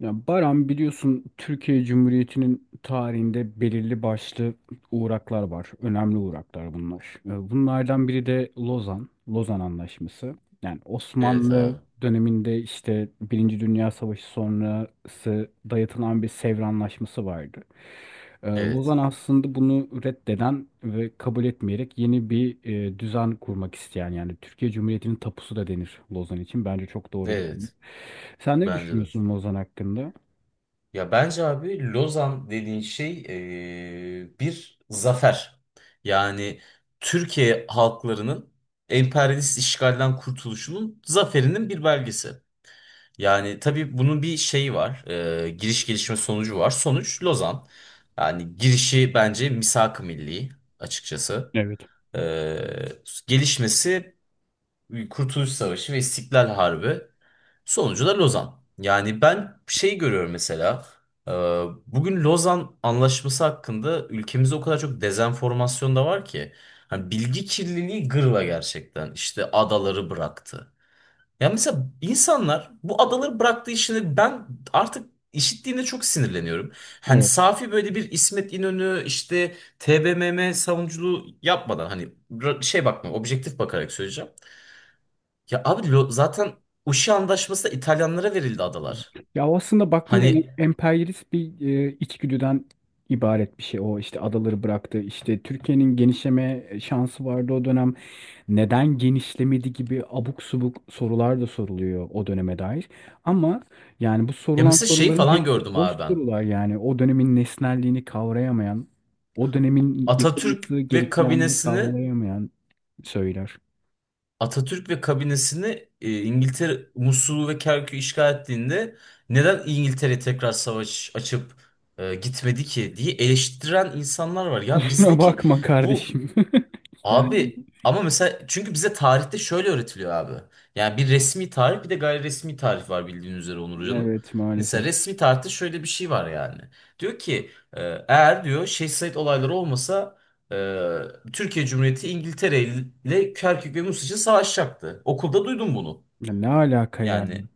Ya Baran, biliyorsun Türkiye Cumhuriyeti'nin tarihinde belirli başlı uğraklar var. Önemli uğraklar bunlar. Bunlardan biri de Lozan, Lozan Anlaşması. Yani Evet Osmanlı abi. döneminde işte Birinci Dünya Savaşı sonrası dayatılan bir Sevr Anlaşması vardı. Evet. Lozan aslında bunu reddeden ve kabul etmeyerek yeni bir düzen kurmak isteyen, yani Türkiye Cumhuriyeti'nin tapusu da denir Lozan için. Bence çok doğru bir terim. Evet. Sen ne Bence de. düşünüyorsun Lozan hakkında? Ya bence abi Lozan dediğin şey bir zafer. Yani Türkiye halklarının emperyalist işgalden kurtuluşunun zaferinin bir belgesi. Yani tabii bunun bir şeyi var. Giriş, gelişme, sonucu var. Sonuç Lozan. Yani girişi bence misak-ı milli açıkçası. Evet. Gelişmesi Kurtuluş Savaşı ve İstiklal Harbi. Sonucu da Lozan. Yani ben şey görüyorum mesela. e, Bugün Lozan Anlaşması hakkında ülkemizde o kadar çok dezenformasyon da var ki. Hani bilgi kirliliği gırla gerçekten. İşte adaları bıraktı. Ya mesela insanlar bu adaları bıraktığı işini ben artık işittiğinde çok sinirleniyorum. Hani Evet. safi böyle bir İsmet İnönü işte TBMM savunuculuğu yapmadan hani bakma, objektif bakarak söyleyeceğim. Ya abi zaten Uşi Antlaşması'nda İtalyanlara verildi adalar. Ya o, aslında baktığında Hani emperyalist bir içgüdüden ibaret bir şey. O işte adaları bıraktı. İşte Türkiye'nin genişleme şansı vardı o dönem. Neden genişlemedi gibi abuk subuk sorular da soruluyor o döneme dair. Ama yani bu ya sorulan mesela şey soruların falan hepsi gördüm boş abi ben. sorular yani. O dönemin nesnelliğini kavrayamayan, o dönemin Atatürk yapılması ve gerekilenleri kabinesini kavrayamayan söyler. Atatürk ve kabinesini İngiltere Musul'u ve Kerkük'ü işgal ettiğinde neden İngiltere tekrar savaş açıp gitmedi ki diye eleştiren insanlar var. Ya Kusura bizdeki bakma bu. kardeşim. Yani Abi ama mesela çünkü bize tarihte şöyle öğretiliyor abi. Yani bir resmi tarih, bir de gayri resmi tarih var bildiğin üzere Onur Hoca'nın. evet, Mesela maalesef. resmi tarihte şöyle bir şey var yani. Diyor ki e, eğer diyor Şehsayt olayları olmasa Türkiye Cumhuriyeti İngiltere ile Kerkük ve Mus için savaşacaktı. Okulda duydum bunu. Ya ne alaka ya? Yani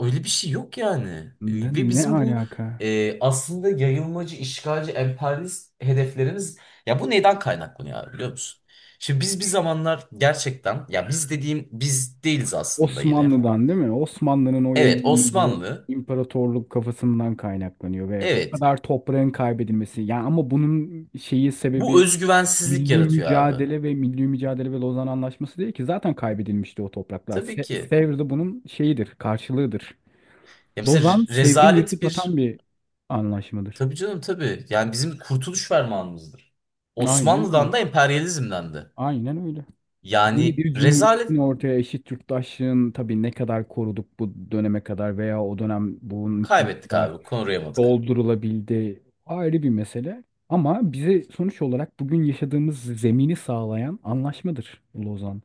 öyle bir şey yok yani. Ne, Ve ne bizim bu alaka? Aslında yayılmacı, işgalci, emperyalist hedeflerimiz, ya bu neden kaynaklanıyor abi biliyor musun? Şimdi biz bir zamanlar gerçekten, ya biz dediğim biz değiliz aslında yine. Osmanlı'dan değil mi? Osmanlı'nın o Evet, yayılmacı Osmanlı, imparatorluk kafasından kaynaklanıyor ve o evet, kadar toprağın kaybedilmesi. Ya ama bunun şeyi bu sebebi özgüvensizlik yaratıyor abi. Milli mücadele ve Lozan Anlaşması değil ki, zaten kaybedilmişti o topraklar. Tabii ki. Sevr de bunun şeyidir, karşılığıdır. Ya mesela Lozan, Sevr'i rezalet yırtıp atan bir, bir anlaşmadır. tabii canım tabii, yani bizim kurtuluş fermanımızdır. Aynen Osmanlı'dan öyle. da emperyalizmden de. Aynen öyle. Yeni Yani bir cumhuriyetin rezalet, ortaya eşit yurttaşlığın, tabii ne kadar koruduk bu döneme kadar veya o dönem bunun için ne kaybettik kadar abi, konurayamadık. doldurulabildi, ayrı bir mesele. Ama bize sonuç olarak bugün yaşadığımız zemini sağlayan anlaşmadır Lozan.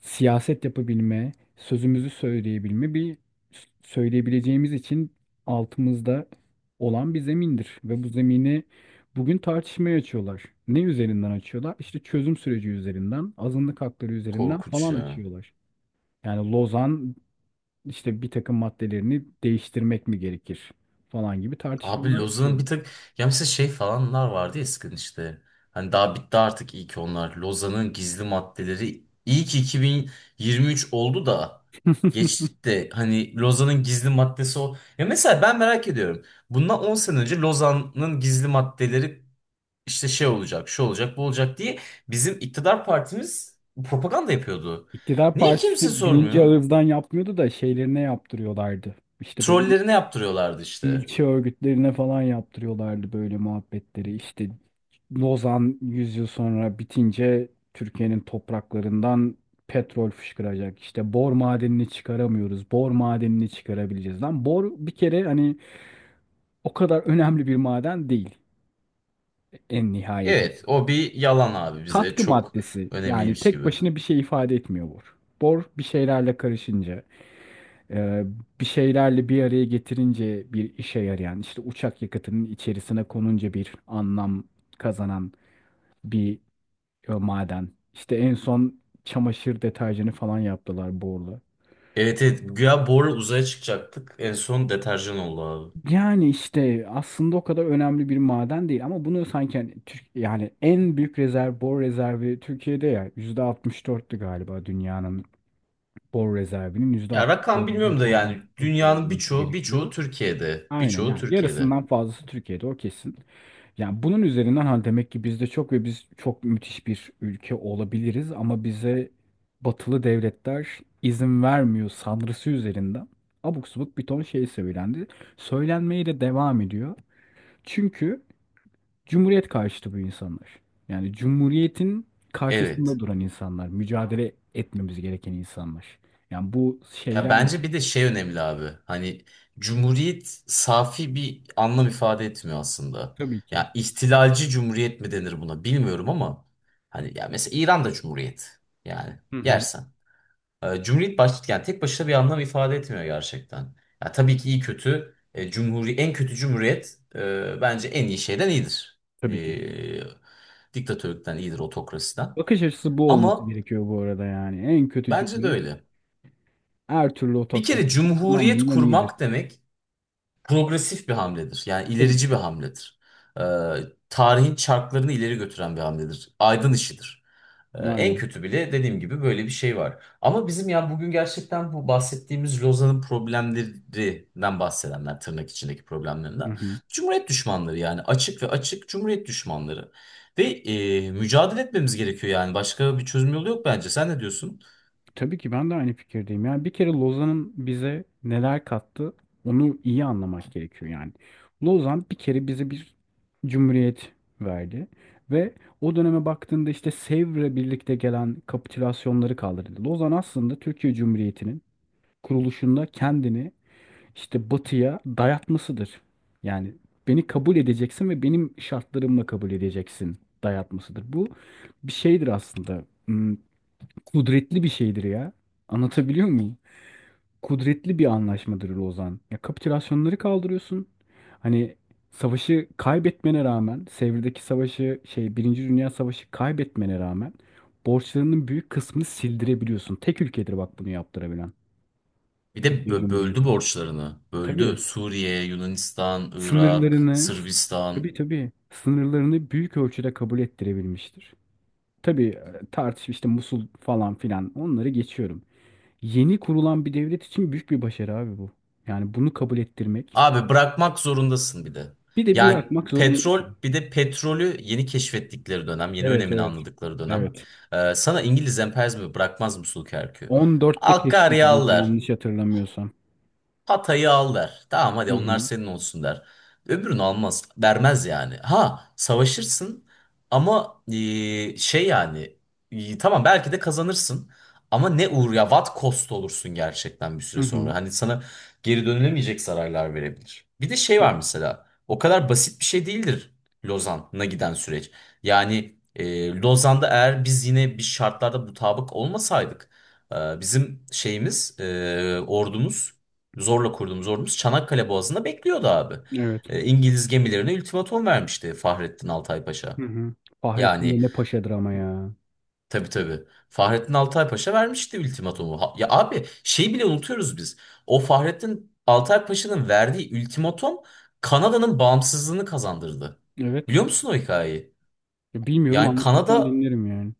Siyaset yapabilme, sözümüzü söyleyebilme, bir söyleyebileceğimiz için altımızda olan bir zemindir. Ve bu zemini bugün tartışmaya açıyorlar. Ne üzerinden açıyorlar? İşte çözüm süreci üzerinden, azınlık hakları üzerinden Korkunç falan ya. açıyorlar. Yani Lozan işte bir takım maddelerini değiştirmek mi gerekir falan gibi Abi tartışmalar Lozan'ın bir yapıyor. tık, ya mesela şey falanlar vardı ya eskiden işte. Hani daha bitti artık iyi ki onlar. Lozan'ın gizli maddeleri, iyi ki 2023 oldu da geçtik de, hani Lozan'ın gizli maddesi o. Ya mesela ben merak ediyorum. Bundan 10 sene önce Lozan'ın gizli maddeleri işte şey olacak, şu olacak, bu olacak diye bizim iktidar partimiz propaganda yapıyordu. İktidar Niye kimse partisi birinci sormuyor? ağızdan yapmıyordu da şeylerine yaptırıyorlardı. İşte böyle Trollerine yaptırıyorlardı işte. ilçe örgütlerine falan yaptırıyorlardı böyle muhabbetleri. İşte Lozan 100 yıl sonra bitince Türkiye'nin topraklarından petrol fışkıracak. İşte bor madenini çıkaramıyoruz. Bor madenini çıkarabileceğiz. Lan bor bir kere hani o kadar önemli bir maden değil en nihayetinde. Evet, o bir yalan abi, bize Katkı çok maddesi, yani önemliymiş tek gibi. başına bir şey ifade etmiyor bor. Bor bir şeylerle karışınca. Ee, Bir şeylerle bir araya getirince bir işe yarayan, işte uçak yakıtının içerisine konunca bir anlam kazanan bir maden. İşte en son çamaşır deterjanı falan yaptılar borla. Evet, evet, güya borla uzaya çıkacaktık. En son deterjan oldu abi. Yani işte aslında o kadar önemli bir maden değil ama bunu sanki hani Türk, yani en büyük rezerv bor rezervi Türkiye'de ya, yüzde altmış dört'tü galiba, dünyanın bor rezervinin Ya rakam %64'ü bilmiyorum da, falan yani Türkiye'de dünyanın olması birçoğu gerekiyor. Türkiye'de. Aynen, Birçoğu yani Türkiye'de. yarısından fazlası Türkiye'de o kesin. Yani bunun üzerinden hani demek ki bizde çok ve biz çok müthiş bir ülke olabiliriz ama bize batılı devletler izin vermiyor sanrısı üzerinden abuk subuk bir ton şey söylendi. Söylenmeye de devam ediyor. Çünkü cumhuriyet karşıtı bu insanlar. Yani cumhuriyetin Evet. karşısında duran insanlar, mücadele etmemiz gereken insanlar. Yani bu Ya şeyler. bence bir de şey önemli abi. Hani cumhuriyet safi bir anlam ifade etmiyor aslında. Tabii ki. Ya ihtilalci cumhuriyet mi denir buna bilmiyorum ama hani ya mesela İran'da cumhuriyet, yani Hı hı. yersen. Cumhuriyet baş, yani tek başına bir anlam ifade etmiyor gerçekten. Ya tabii ki iyi kötü cumhuri, en kötü cumhuriyet bence en iyi şeyden iyidir. Tabii ki. Diktatörlükten iyidir, otokrasiden. Bakış açısı bu olması Ama gerekiyor bu arada yani. En kötü bence de cumhuriyet. öyle. Her türlü Bir otokrasi. kere Lan, cumhuriyet bundan iyidir. kurmak demek progresif bir hamledir. Yani Tabii ilerici bir ki. hamledir. E, Tarihin çarklarını ileri götüren bir hamledir. Aydın işidir. En Aynen. kötü bile dediğim gibi böyle bir şey var. Ama bizim, ya bugün gerçekten bu bahsettiğimiz Lozan'ın problemlerinden bahsedenler, tırnak içindeki Hı problemlerinden. hı. Cumhuriyet düşmanları, yani açık ve açık Cumhuriyet düşmanları. Ve mücadele etmemiz gerekiyor, yani başka bir çözüm yolu yok bence. Sen ne diyorsun? Tabii ki, ben de aynı fikirdeyim. Yani bir kere Lozan'ın bize neler kattı onu iyi anlamak gerekiyor yani. Lozan bir kere bize bir cumhuriyet verdi ve o döneme baktığında işte Sevr'le birlikte gelen kapitülasyonları kaldırdı. Lozan aslında Türkiye Cumhuriyeti'nin kuruluşunda kendini işte batıya dayatmasıdır. Yani beni kabul edeceksin ve benim şartlarımla kabul edeceksin dayatmasıdır. Bu bir şeydir aslında. Kudretli bir şeydir ya. Anlatabiliyor muyum? Kudretli bir anlaşmadır Lozan. Ya kapitülasyonları kaldırıyorsun. Hani savaşı kaybetmene rağmen, Sevr'deki savaşı, şey, Birinci Dünya Savaşı kaybetmene rağmen borçlarının büyük kısmını sildirebiliyorsun. Tek ülkedir bak bunu yaptırabilen. Bir de Türkiye böldü Cumhuriyeti. borçlarını. Böldü. Tabii. Suriye, Yunanistan, Irak, Sınırlarını, Sırbistan. tabii tabii, sınırlarını büyük ölçüde kabul ettirebilmiştir. Tabii tartış işte Musul falan filan, onları geçiyorum. Yeni kurulan bir devlet için büyük bir başarı abi bu. Yani bunu kabul ettirmek. Abi bırakmak zorundasın bir de. Bir de Yani bırakmak petrol, zorundasın. bir de petrolü yeni keşfettikleri dönem, yeni Evet önemini evet. anladıkları dönem. Evet. Sana İngiliz emperyalizmi bırakmaz Musul Kerkü. 14'te Akkar keşfediliyor yağlar. yanlış hatırlamıyorsam. Hatay'ı al der. Tamam Hı hadi onlar hı. senin olsun der. Öbürünü almaz. Vermez yani. Ha savaşırsın ama şey yani tamam belki de kazanırsın. Ama ne uğur ya, what cost olursun gerçekten bir Hı süre hı. sonra. Hani sana geri dönülemeyecek zararlar verebilir. Bir de şey var mesela. O kadar basit bir şey değildir Lozan'a giden süreç. Yani Lozan'da eğer biz yine bir şartlarda mutabık olmasaydık, bizim şeyimiz, ordumuz, zorla kurduğumuz ordumuz Çanakkale Boğazı'nda bekliyordu abi. Evet. İngiliz gemilerine ultimatum vermişti Fahrettin Altay Hı Paşa. hı. Fahrettin Yani de ne paşadır ama ya. tabii tabii, Fahrettin Altay Paşa vermişti ultimatumu. Ya abi şey bile unutuyoruz biz. O Fahrettin Altay Paşa'nın verdiği ultimatum Kanada'nın bağımsızlığını kazandırdı. Evet. Biliyor musun o hikayeyi? Ya bilmiyorum, Yani anlatırsan Kanada dinlerim yani.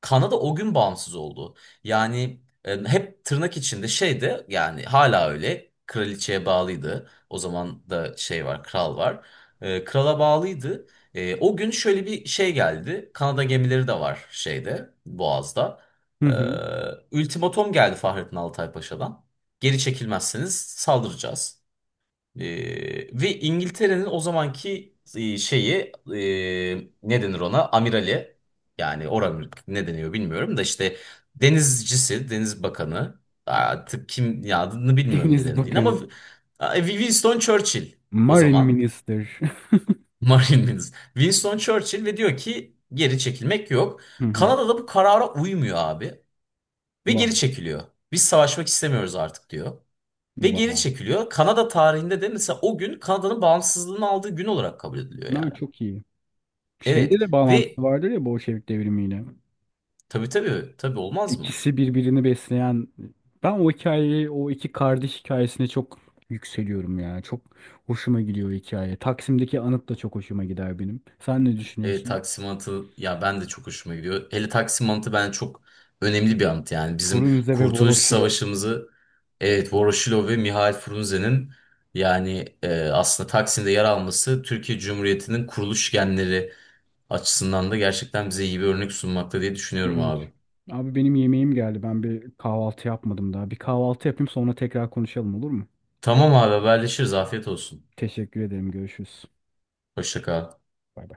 Kanada o gün bağımsız oldu. Yani hep tırnak içinde şeyde, yani hala öyle kraliçeye bağlıydı. O zaman da şey var, kral var. Krala bağlıydı. O gün şöyle bir şey geldi. Kanada gemileri de var şeyde, Boğaz'da. Hı E, hı. Ultimatom geldi Fahrettin Altay Paşa'dan. Geri çekilmezseniz saldıracağız. Ve İngiltere'nin o zamanki şeyi, ne denir ona? Amirali, yani oran ne deniyor bilmiyorum da işte, denizcisi, deniz bakanı, artık kim ya, adını bilmiyorum ne Deniz dendiğini Bakanı. ama Winston Churchill o Marine zaman Minister. Marine Minister. Winston Churchill ve diyor ki geri çekilmek yok. Hı hı. Kanada'da bu karara uymuyor abi ve geri Vay. çekiliyor. Biz savaşmak istemiyoruz artık diyor. Ve geri Vay. çekiliyor. Kanada tarihinde de mesela o gün Kanada'nın bağımsızlığını aldığı gün olarak kabul ediliyor Ha, yani. çok iyi. Şeyde de Evet ve bağlantısı vardır ya, Bolşevik devrimiyle. tabii tabii tabii, olmaz mı? İkisi birbirini besleyen. Ben o hikayeyi, o iki kardeş hikayesine çok yükseliyorum ya. Çok hoşuma gidiyor o hikaye. Taksim'deki anıt da çok hoşuma gider benim. Sen ne düşünüyorsun? Taksim Anıtı, ya ben de çok hoşuma gidiyor. Hele Taksim Anıtı, ben çok önemli bir anıt yani. Bizim Frunze ve Kurtuluş Voroshilov. Savaşımızı, evet, Voroshilov ve Mihail Frunze'nin, yani aslında Taksim'de yer alması Türkiye Cumhuriyeti'nin kuruluş genleri açısından da gerçekten bize iyi bir örnek sunmakta diye düşünüyorum Evet. abi. Abi benim yemeğim geldi. Ben bir kahvaltı yapmadım daha. Bir kahvaltı yapayım sonra tekrar konuşalım, olur mu? Tamam abi, haberleşiriz, afiyet olsun. Teşekkür ederim. Görüşürüz. Hoşça kal. Bay bay.